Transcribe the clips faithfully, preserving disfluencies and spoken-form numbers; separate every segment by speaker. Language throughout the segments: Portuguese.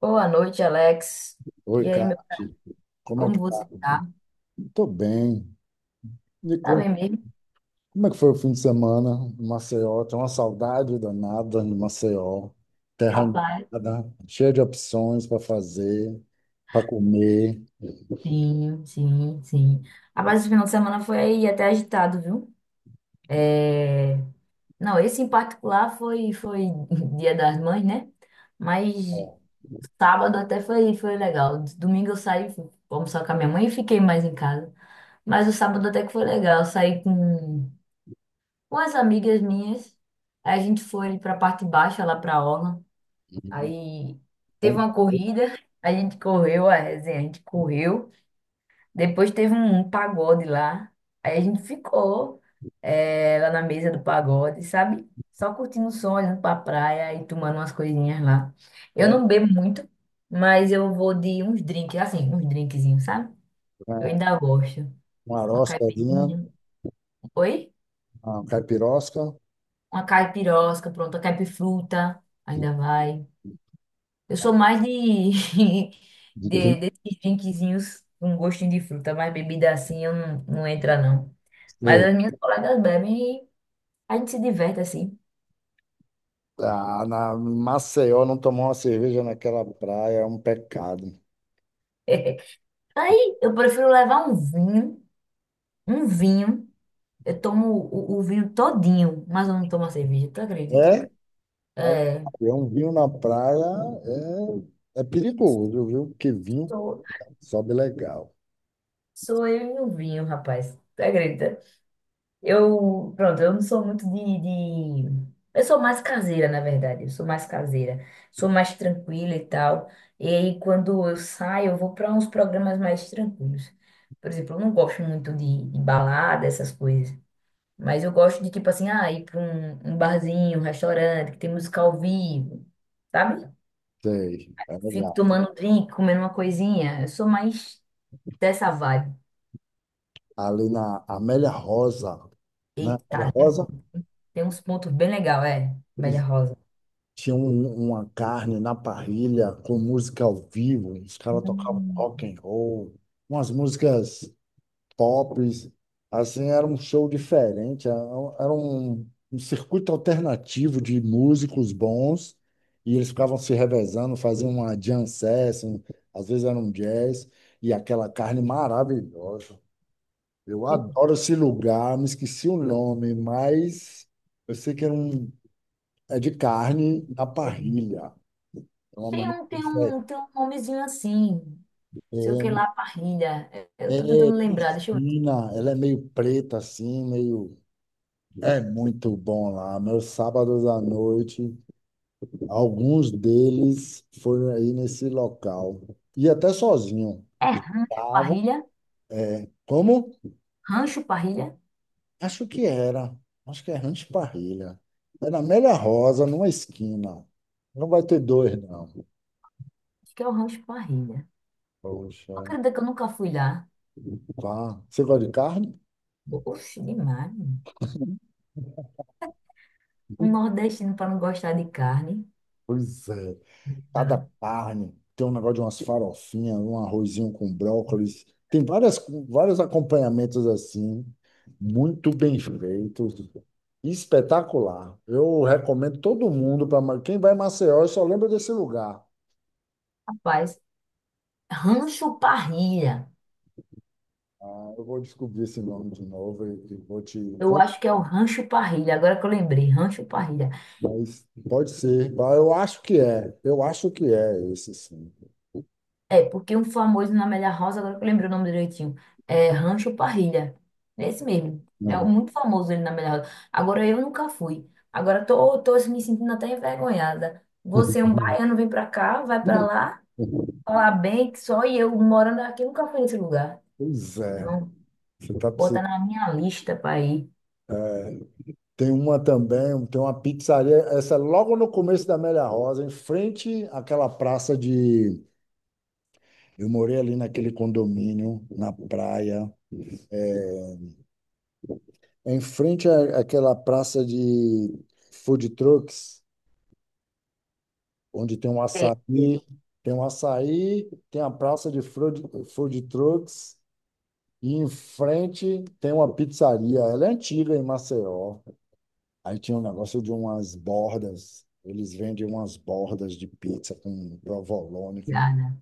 Speaker 1: Boa noite, Alex.
Speaker 2: Oi,
Speaker 1: E aí, meu,
Speaker 2: Cássio. Como é
Speaker 1: como
Speaker 2: que tá?
Speaker 1: você tá?
Speaker 2: Tô bem. Me
Speaker 1: Tá bem
Speaker 2: conte,
Speaker 1: mesmo?
Speaker 2: como é que foi o fim de semana em Maceió? Tem uma saudade danada de Maceió. Terra
Speaker 1: Rapaz,
Speaker 2: inundada, cheia de opções para fazer, para comer.
Speaker 1: sim, sim, sim. Rapaz, esse final de semana foi aí até agitado, viu? É, não, esse em particular foi, foi Dia das Mães, né? Mas
Speaker 2: Ó,
Speaker 1: sábado até foi, foi legal. Domingo eu saí, fui almoçar com a minha mãe e fiquei mais em casa. Mas o sábado até que foi legal. Eu saí com, com as amigas minhas. Aí a gente foi pra parte baixa, lá pra orla.
Speaker 2: e
Speaker 1: Aí teve
Speaker 2: bom
Speaker 1: uma corrida, a gente correu, a resenha, a gente correu. Depois teve um pagode lá. Aí a gente ficou eh, lá na mesa do pagode, sabe? Só curtindo o som, olhando pra praia e tomando umas coisinhas lá. Eu
Speaker 2: café,
Speaker 1: não bebo muito, mas eu vou de uns drinks, assim, uns drinkzinhos, sabe? Eu
Speaker 2: né?
Speaker 1: ainda gosto.
Speaker 2: Uma
Speaker 1: Uma
Speaker 2: aroscazinha,
Speaker 1: caipirinha. Oi?
Speaker 2: uma caipirosca.
Speaker 1: Uma caipirosca, pronto, a caipifruta. Ainda vai. Eu sou mais de,
Speaker 2: De
Speaker 1: de
Speaker 2: quem
Speaker 1: desses drinkzinhos com gostinho de fruta, mas bebida assim eu não, não entra não. Mas
Speaker 2: você-
Speaker 1: as minhas colegas bebem e a gente se diverte assim.
Speaker 2: tá? Ah, na Maceió não tomar uma cerveja naquela praia é um pecado.
Speaker 1: Aí eu prefiro levar um vinho, um vinho. Eu tomo o, o vinho todinho, mas eu não tomo a cerveja, tu acredita?
Speaker 2: É?
Speaker 1: É,
Speaker 2: É um vinho na praia é, é perigoso, viu? Porque vinho
Speaker 1: sou,
Speaker 2: sobe legal.
Speaker 1: sou eu e o vinho, rapaz. Tu acredita? Eu, pronto, eu não sou muito de, de... Eu sou mais caseira, na verdade. Eu sou mais caseira. Sou mais tranquila e tal. E aí, quando eu saio, eu vou para uns programas mais tranquilos. Por exemplo, eu não gosto muito de, de balada, essas coisas. Mas eu gosto de, tipo assim, ah, ir para um, um barzinho, um restaurante, que tem música ao vivo, sabe?
Speaker 2: Sei, é
Speaker 1: Fico
Speaker 2: legal.
Speaker 1: tomando um drink, comendo uma coisinha. Eu sou mais dessa vibe.
Speaker 2: Ali na Amélia Rosa, né?
Speaker 1: Eita,
Speaker 2: Amélia Rosa
Speaker 1: tem uns pontos bem legais, é, Média Rosa.
Speaker 2: tinha um- uma carne na parrilha com música ao vivo. Os caras tocavam
Speaker 1: Hum.
Speaker 2: rock and roll, umas músicas pops, assim, era um show diferente, era um, era um, um circuito alternativo de músicos bons, e eles ficavam se revezando, faziam uma jam session, às vezes era um jazz, e aquela carne maravilhosa. Eu adoro esse lugar, me esqueci o nome, mas eu sei que era um, é de carne na
Speaker 1: Tem
Speaker 2: parrilha. É uma maneira
Speaker 1: um, tem
Speaker 2: diferente.
Speaker 1: um, tem um nomezinho assim, sei o que lá, parrilha. É, eu tô
Speaker 2: É, é,
Speaker 1: tentando lembrar, deixa eu ver.
Speaker 2: Cristina, ela é meio preta assim, meio é muito bom lá. Meus sábados à noite, alguns deles foram aí nesse local. E até sozinho.
Speaker 1: É rancho
Speaker 2: Estava.
Speaker 1: parrilha?
Speaker 2: Como?
Speaker 1: Rancho parrilha?
Speaker 2: Acho que era. Acho que é Rancho Parrilha. Era Amélia Rosa, numa esquina. Não vai ter dois, não.
Speaker 1: Acho que é o rancho parrilha.
Speaker 2: Poxa,
Speaker 1: Acredita que eu nunca fui lá?
Speaker 2: pá. Você gosta de carne?
Speaker 1: Oxe, demais. Um nordestino para não gostar de carne.
Speaker 2: Pois é. Cada
Speaker 1: Não.
Speaker 2: carne tem um negócio de umas farofinhas, um arrozinho com brócolis. Tem várias, vários acompanhamentos assim, muito bem feitos, espetacular. Eu recomendo todo mundo para quem vai em Maceió, e só lembra desse lugar.
Speaker 1: Rapaz, rancho parrilha.
Speaker 2: Ah, eu vou descobrir esse nome de novo e, e vou te
Speaker 1: Eu
Speaker 2: contar.
Speaker 1: acho que é o rancho parrilha, agora que eu lembrei, rancho parrilha.
Speaker 2: Mas pode ser. Ah, eu acho que é, eu acho que é esse sim.
Speaker 1: É, porque um famoso na Amélia House, agora que eu lembrei o nome direitinho, é Rancho Parrilha. Esse mesmo. É um-
Speaker 2: É.
Speaker 1: muito famoso ele na Amélia House. Agora eu nunca fui. Agora tô, tô assim, me sentindo até envergonhada. Você, é um baiano, vem pra cá, vai pra lá, falar bem que só eu morando aqui nunca fui nesse lugar.
Speaker 2: Pois é,
Speaker 1: Então,
Speaker 2: você está
Speaker 1: bota
Speaker 2: precisando.
Speaker 1: na minha lista pra ir.
Speaker 2: Tem uma também, tem uma pizzaria, essa é logo no começo da Amélia Rosa, em frente àquela praça de. Eu morei ali naquele condomínio, na praia, em frente à- àquela praça de food trucks, onde tem um
Speaker 1: É.
Speaker 2: açaí, tem um açaí, tem a praça de food, food trucks, e em frente tem uma pizzaria. Ela é antiga em Maceió. Aí tinha um negócio de umas bordas, eles vendem umas bordas de pizza com provolone, com-
Speaker 1: Obrigada.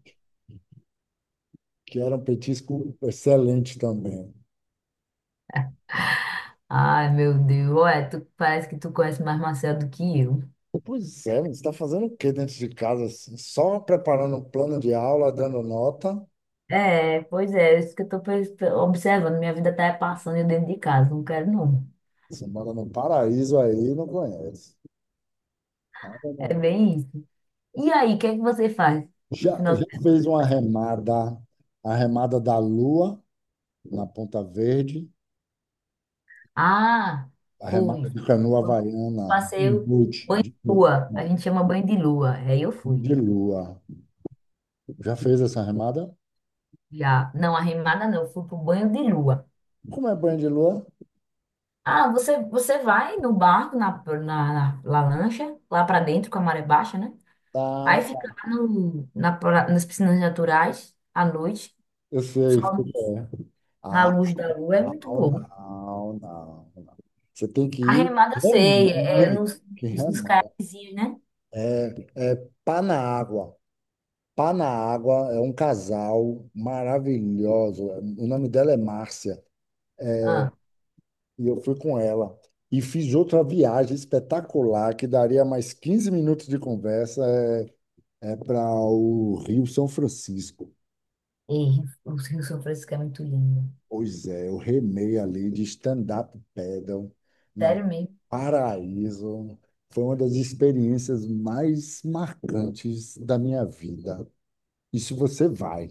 Speaker 2: que era um petisco excelente também.
Speaker 1: Ai, meu Deus. Olha, tu, parece que tu conhece mais Marcelo do que eu.
Speaker 2: Pois é, você está fazendo o quê dentro de casa, assim? Só preparando um plano de aula, dando nota?
Speaker 1: É, pois é, isso que eu tô pens- observando. Minha vida tá passando eu dentro de casa, não quero não.
Speaker 2: Você mora no paraíso aí, e não conhece. Ah,
Speaker 1: É
Speaker 2: não.
Speaker 1: bem isso. E aí, o que é que você faz? No
Speaker 2: Já,
Speaker 1: final...
Speaker 2: já
Speaker 1: do-
Speaker 2: fez uma remada, a remada da lua na Ponta Verde,
Speaker 1: Ah,
Speaker 2: a remada
Speaker 1: fui.
Speaker 2: de canoa
Speaker 1: Foi um
Speaker 2: havaiana, um
Speaker 1: Passeio
Speaker 2: boot de, né,
Speaker 1: lua. A gente chama banho de lua. Aí eu fui.
Speaker 2: de lua. Já fez essa remada?
Speaker 1: Já, não, arrimada não, eu fui pro banho de lua.
Speaker 2: Como é banho de lua?
Speaker 1: Ah, você, você vai no barco, na, na, na- na lancha, lá pra dentro com a maré baixa, né? Aí
Speaker 2: Tá,
Speaker 1: fica
Speaker 2: tá.
Speaker 1: lá no, na, pra- nas piscinas naturais à noite,
Speaker 2: Eu sei.
Speaker 1: só na
Speaker 2: Ah,
Speaker 1: luz da lua, é muito
Speaker 2: não,
Speaker 1: bom.
Speaker 2: não, não, não. Você tem que
Speaker 1: A
Speaker 2: ir
Speaker 1: remada eu sei, é
Speaker 2: remando.
Speaker 1: nos,
Speaker 2: Que
Speaker 1: nos, nos
Speaker 2: remando.
Speaker 1: caiaquezinhos, né?
Speaker 2: É pá na água. Pá na água é um casal maravilhoso. O nome dela é Márcia.
Speaker 1: Ah,
Speaker 2: E eu fui com ela. E fiz outra viagem espetacular que daria mais quinze minutos de conversa. É, é para o Rio São Francisco.
Speaker 1: e o Rio São Francisco é muito lindo.
Speaker 2: Pois é, eu remei ali de stand-up paddle na
Speaker 1: Sério mesmo.
Speaker 2: Paraíso. Foi uma das experiências mais marcantes da minha vida. E se você vai,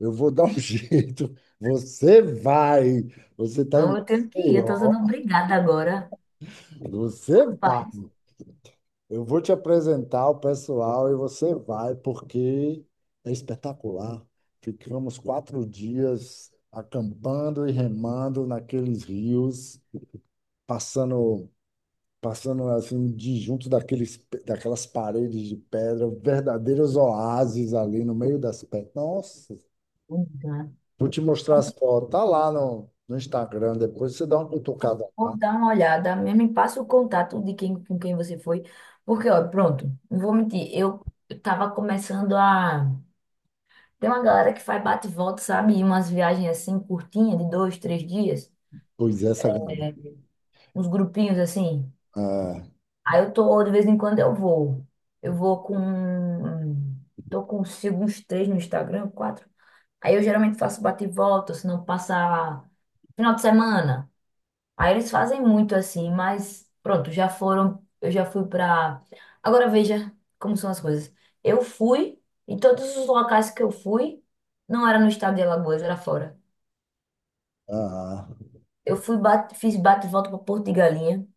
Speaker 2: eu vou dar um jeito. Você vai. Você está
Speaker 1: Não,
Speaker 2: em
Speaker 1: eu tenho que ir, eu tô sendo
Speaker 2: Maceió.
Speaker 1: obrigada agora.
Speaker 2: Você vai.
Speaker 1: Rapaz,
Speaker 2: Eu vou te apresentar o pessoal e você vai, porque é espetacular. Ficamos quatro dias acampando e remando naqueles rios passando, passando assim, disjunto daqueles, daquelas paredes de pedra, verdadeiros oásis ali no meio das pedras. Nossa,
Speaker 1: vou dar
Speaker 2: vou te mostrar as fotos. Tá lá no, no Instagram, depois você dá uma cutucada
Speaker 1: vou
Speaker 2: lá.
Speaker 1: dar uma olhada, mesmo me passa o contato de quem, com quem você foi. Porque, ó, pronto, não vou mentir, eu, eu tava começando a. Tem uma galera que faz bate e volta, sabe? E umas viagens assim, curtinhas, de dois, três dias.
Speaker 2: Pois é, essa galera.
Speaker 1: É, uns grupinhos assim.
Speaker 2: É,
Speaker 1: Aí eu tô, de vez em quando eu vou. Eu vou com. Tô consigo uns três no Instagram, quatro. Aí eu geralmente faço bate e volta, se não passar final de semana. Aí eles fazem muito assim, mas pronto, já foram. Eu já fui pra. Agora veja como são as coisas. Eu fui, e todos os locais que eu fui, não era no estado de Alagoas, era fora.
Speaker 2: ah,
Speaker 1: Eu fui, bate, fiz bate e volta pra Porto de Galinha.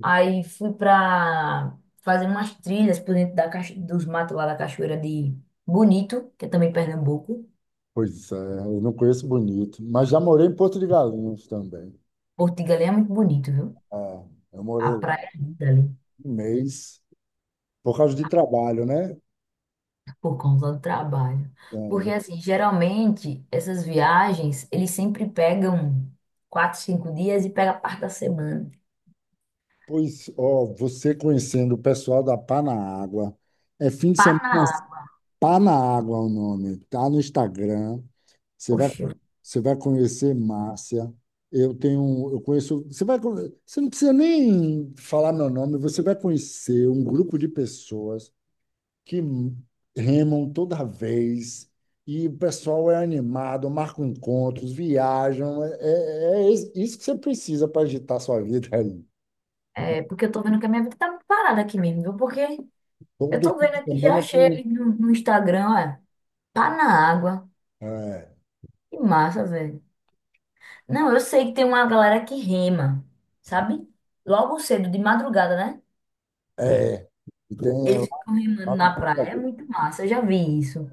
Speaker 1: Aí fui pra fazer umas trilhas por dentro da cacho- dos matos lá da Cachoeira de Bonito, que é também Pernambuco.
Speaker 2: pois é, eu não conheço bonito, mas já morei em Porto de Galinhas também.
Speaker 1: Porto de Galinha é muito bonito, viu?
Speaker 2: Ah, eu
Speaker 1: A
Speaker 2: morei lá
Speaker 1: praia é linda ali,
Speaker 2: um mês por causa de trabalho, né?
Speaker 1: por conta do trabalho. Porque,
Speaker 2: É.
Speaker 1: assim, geralmente, essas viagens, eles sempre pegam quatro, cinco dias e pega parte da semana.
Speaker 2: Pois, ó, você conhecendo o pessoal da Pá na Água, é fim de semana.
Speaker 1: Ah,
Speaker 2: Tá na água o nome, tá no Instagram. Você vai,
Speaker 1: poxa,
Speaker 2: você vai conhecer Márcia. Eu tenho, um, eu conheço. Você vai, con- você não precisa nem falar meu nome. Você vai conhecer um grupo de pessoas que remam toda vez e o pessoal é animado, marcam encontros, viajam. É, é is- isso que você precisa para agitar sua vida aí.
Speaker 1: é porque eu tô vendo que a minha vida tá muito parada aqui mesmo, viu? Porque eu
Speaker 2: Todo
Speaker 1: tô
Speaker 2: fim
Speaker 1: vendo
Speaker 2: de
Speaker 1: aqui, já
Speaker 2: semana tem,
Speaker 1: achei
Speaker 2: um,
Speaker 1: ali no, no Instagram, olha, pá na água.
Speaker 2: é,
Speaker 1: Que massa, velho. Não, eu sei que tem uma galera que rema, sabe? Logo cedo, de madrugada, né?
Speaker 2: é, tem
Speaker 1: Eles ficam remando
Speaker 2: lá na.
Speaker 1: na praia, é muito massa. Eu já vi isso.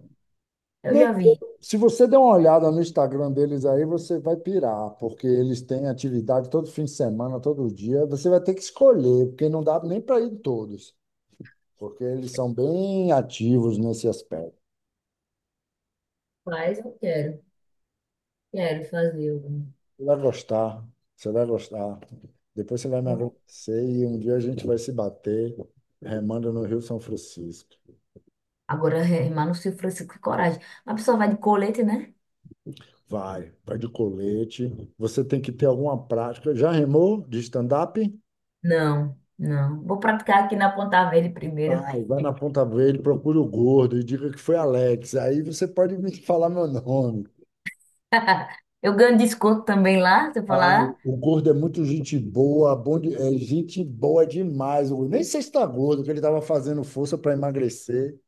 Speaker 1: Eu
Speaker 2: Não,
Speaker 1: já vi.
Speaker 2: se você der uma olhada no Instagram deles aí, você vai pirar, porque eles têm atividade todo fim de semana, todo dia. Você vai ter que escolher, porque não dá nem para ir em todos, porque eles são bem ativos nesse aspecto.
Speaker 1: Mas eu quero, quero fazer. Eu
Speaker 2: Você vai gostar, você vai gostar. Depois você vai me
Speaker 1: vou
Speaker 2: agradecer e um dia a gente vai se bater remando no Rio São Francisco.
Speaker 1: agora remar no Rio Francisco, que coragem. A pessoa vai de colete, né?
Speaker 2: Vai, vai de colete. Você tem que ter alguma prática. Já remou de stand-up?
Speaker 1: Não, não. Vou praticar aqui na Ponta Verde primeiro.
Speaker 2: Vai, vai na Ponta Verde, procura o gordo e diga que foi Alex. Aí você pode me falar meu nome.
Speaker 1: Eu ganho desconto também lá, se eu
Speaker 2: Ah,
Speaker 1: falar,
Speaker 2: o gordo é muito gente boa, bom de- é gente boa demais. O gordo. Nem sei se está gordo, que ele estava fazendo força para emagrecer.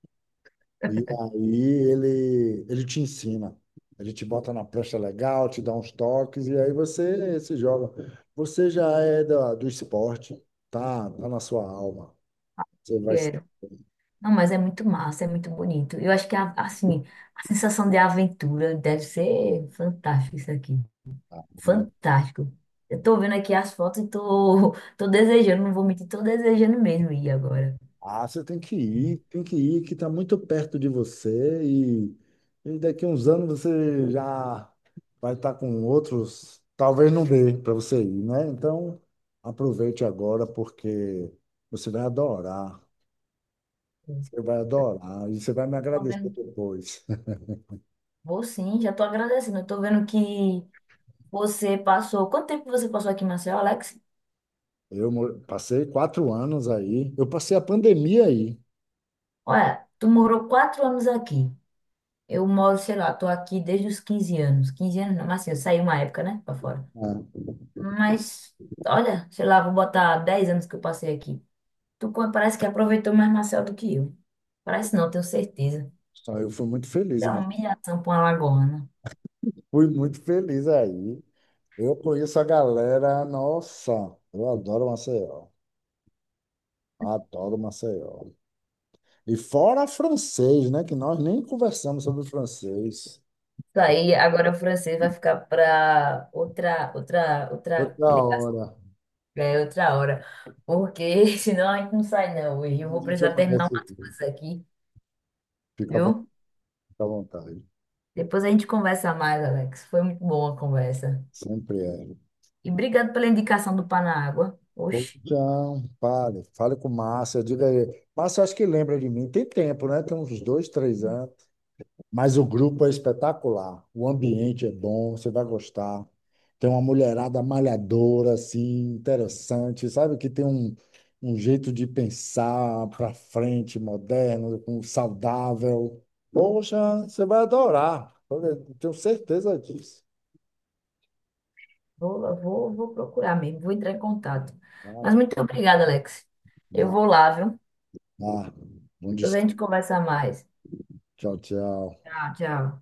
Speaker 2: E aí ele, ele te ensina. Ele te bota na prancha legal, te dá uns toques, e aí você se joga. Você já é da, do esporte, tá, tá na sua alma. Você vai. se-
Speaker 1: quero. Não, mas é muito massa, é muito bonito. Eu acho que, a- assim, a sensação de aventura deve ser fantástica isso aqui. Fantástico. Eu tô vendo aqui as fotos e tô, tô desejando, não vou mentir, tô desejando mesmo ir agora.
Speaker 2: Ah, você tem que ir, tem que ir, que está muito perto de você e, e daqui a uns anos você já vai estar com outros, talvez não dê para você ir, né? Então, aproveite agora porque você vai adorar, você vai adorar e você vai me
Speaker 1: Eu tô
Speaker 2: agradecer
Speaker 1: vendo que
Speaker 2: depois.
Speaker 1: vou sim, já tô agradecendo. Eu tô vendo que você passou. Quanto tempo você passou aqui, em Maceió, Alex?
Speaker 2: Eu mo- passei quatro anos aí, eu passei a pandemia aí,
Speaker 1: Olha, tu morou quatro anos aqui. Eu moro, sei lá, tô aqui desde os quinze anos. Quinze anos não, mas assim, saí uma época, né, pra fora.
Speaker 2: né?
Speaker 1: Mas, olha, sei lá, vou botar dez anos que eu passei aqui. Tu co- parece que aproveitou mais Maceió do que eu. Parece não, tenho certeza.
Speaker 2: Só eu fui muito feliz,
Speaker 1: É uma
Speaker 2: mas
Speaker 1: humilhação para uma lagoana.
Speaker 2: fui muito feliz aí. Eu conheço a galera, nossa, eu adoro Maceió. Adoro Maceió. E fora francês, né? Que nós nem conversamos sobre francês.
Speaker 1: Isso aí, agora o francês vai ficar para outra, outra, outra
Speaker 2: Outra
Speaker 1: ligação,
Speaker 2: hora.
Speaker 1: né? É, outra hora. Porque senão a gente não sai não hoje. Eu
Speaker 2: A
Speaker 1: vou
Speaker 2: gente
Speaker 1: precisar terminar
Speaker 2: amanhece
Speaker 1: umas
Speaker 2: aqui.
Speaker 1: coisas aqui,
Speaker 2: Fica à vo-
Speaker 1: viu?
Speaker 2: Fica à vontade.
Speaker 1: Depois a gente conversa mais, Alex. Foi muito boa a conversa.
Speaker 2: Sempre é.
Speaker 1: E obrigado pela indicação do Panágua.
Speaker 2: Bom,
Speaker 1: Oxe,
Speaker 2: então, fale. Fale com Márcia. Diga aí. Márcia, acho que lembra de mim. Tem tempo, né? Tem uns dois, três anos. Mas o grupo é espetacular, o ambiente é bom, você vai gostar. Tem uma mulherada malhadora, assim, interessante, sabe? Que tem um, um jeito de pensar para frente, moderno, com- saudável. Poxa, você vai adorar. Olha, eu tenho certeza disso.
Speaker 1: vou, vou, vou procurar mesmo, vou entrar em contato. Mas
Speaker 2: Não,
Speaker 1: muito obrigada, Alex. Eu
Speaker 2: não,
Speaker 1: vou lá, viu?
Speaker 2: não. Bom
Speaker 1: Depois a
Speaker 2: descanso.
Speaker 1: gente conversa mais.
Speaker 2: Tchau, tchau.
Speaker 1: Tchau, tchau.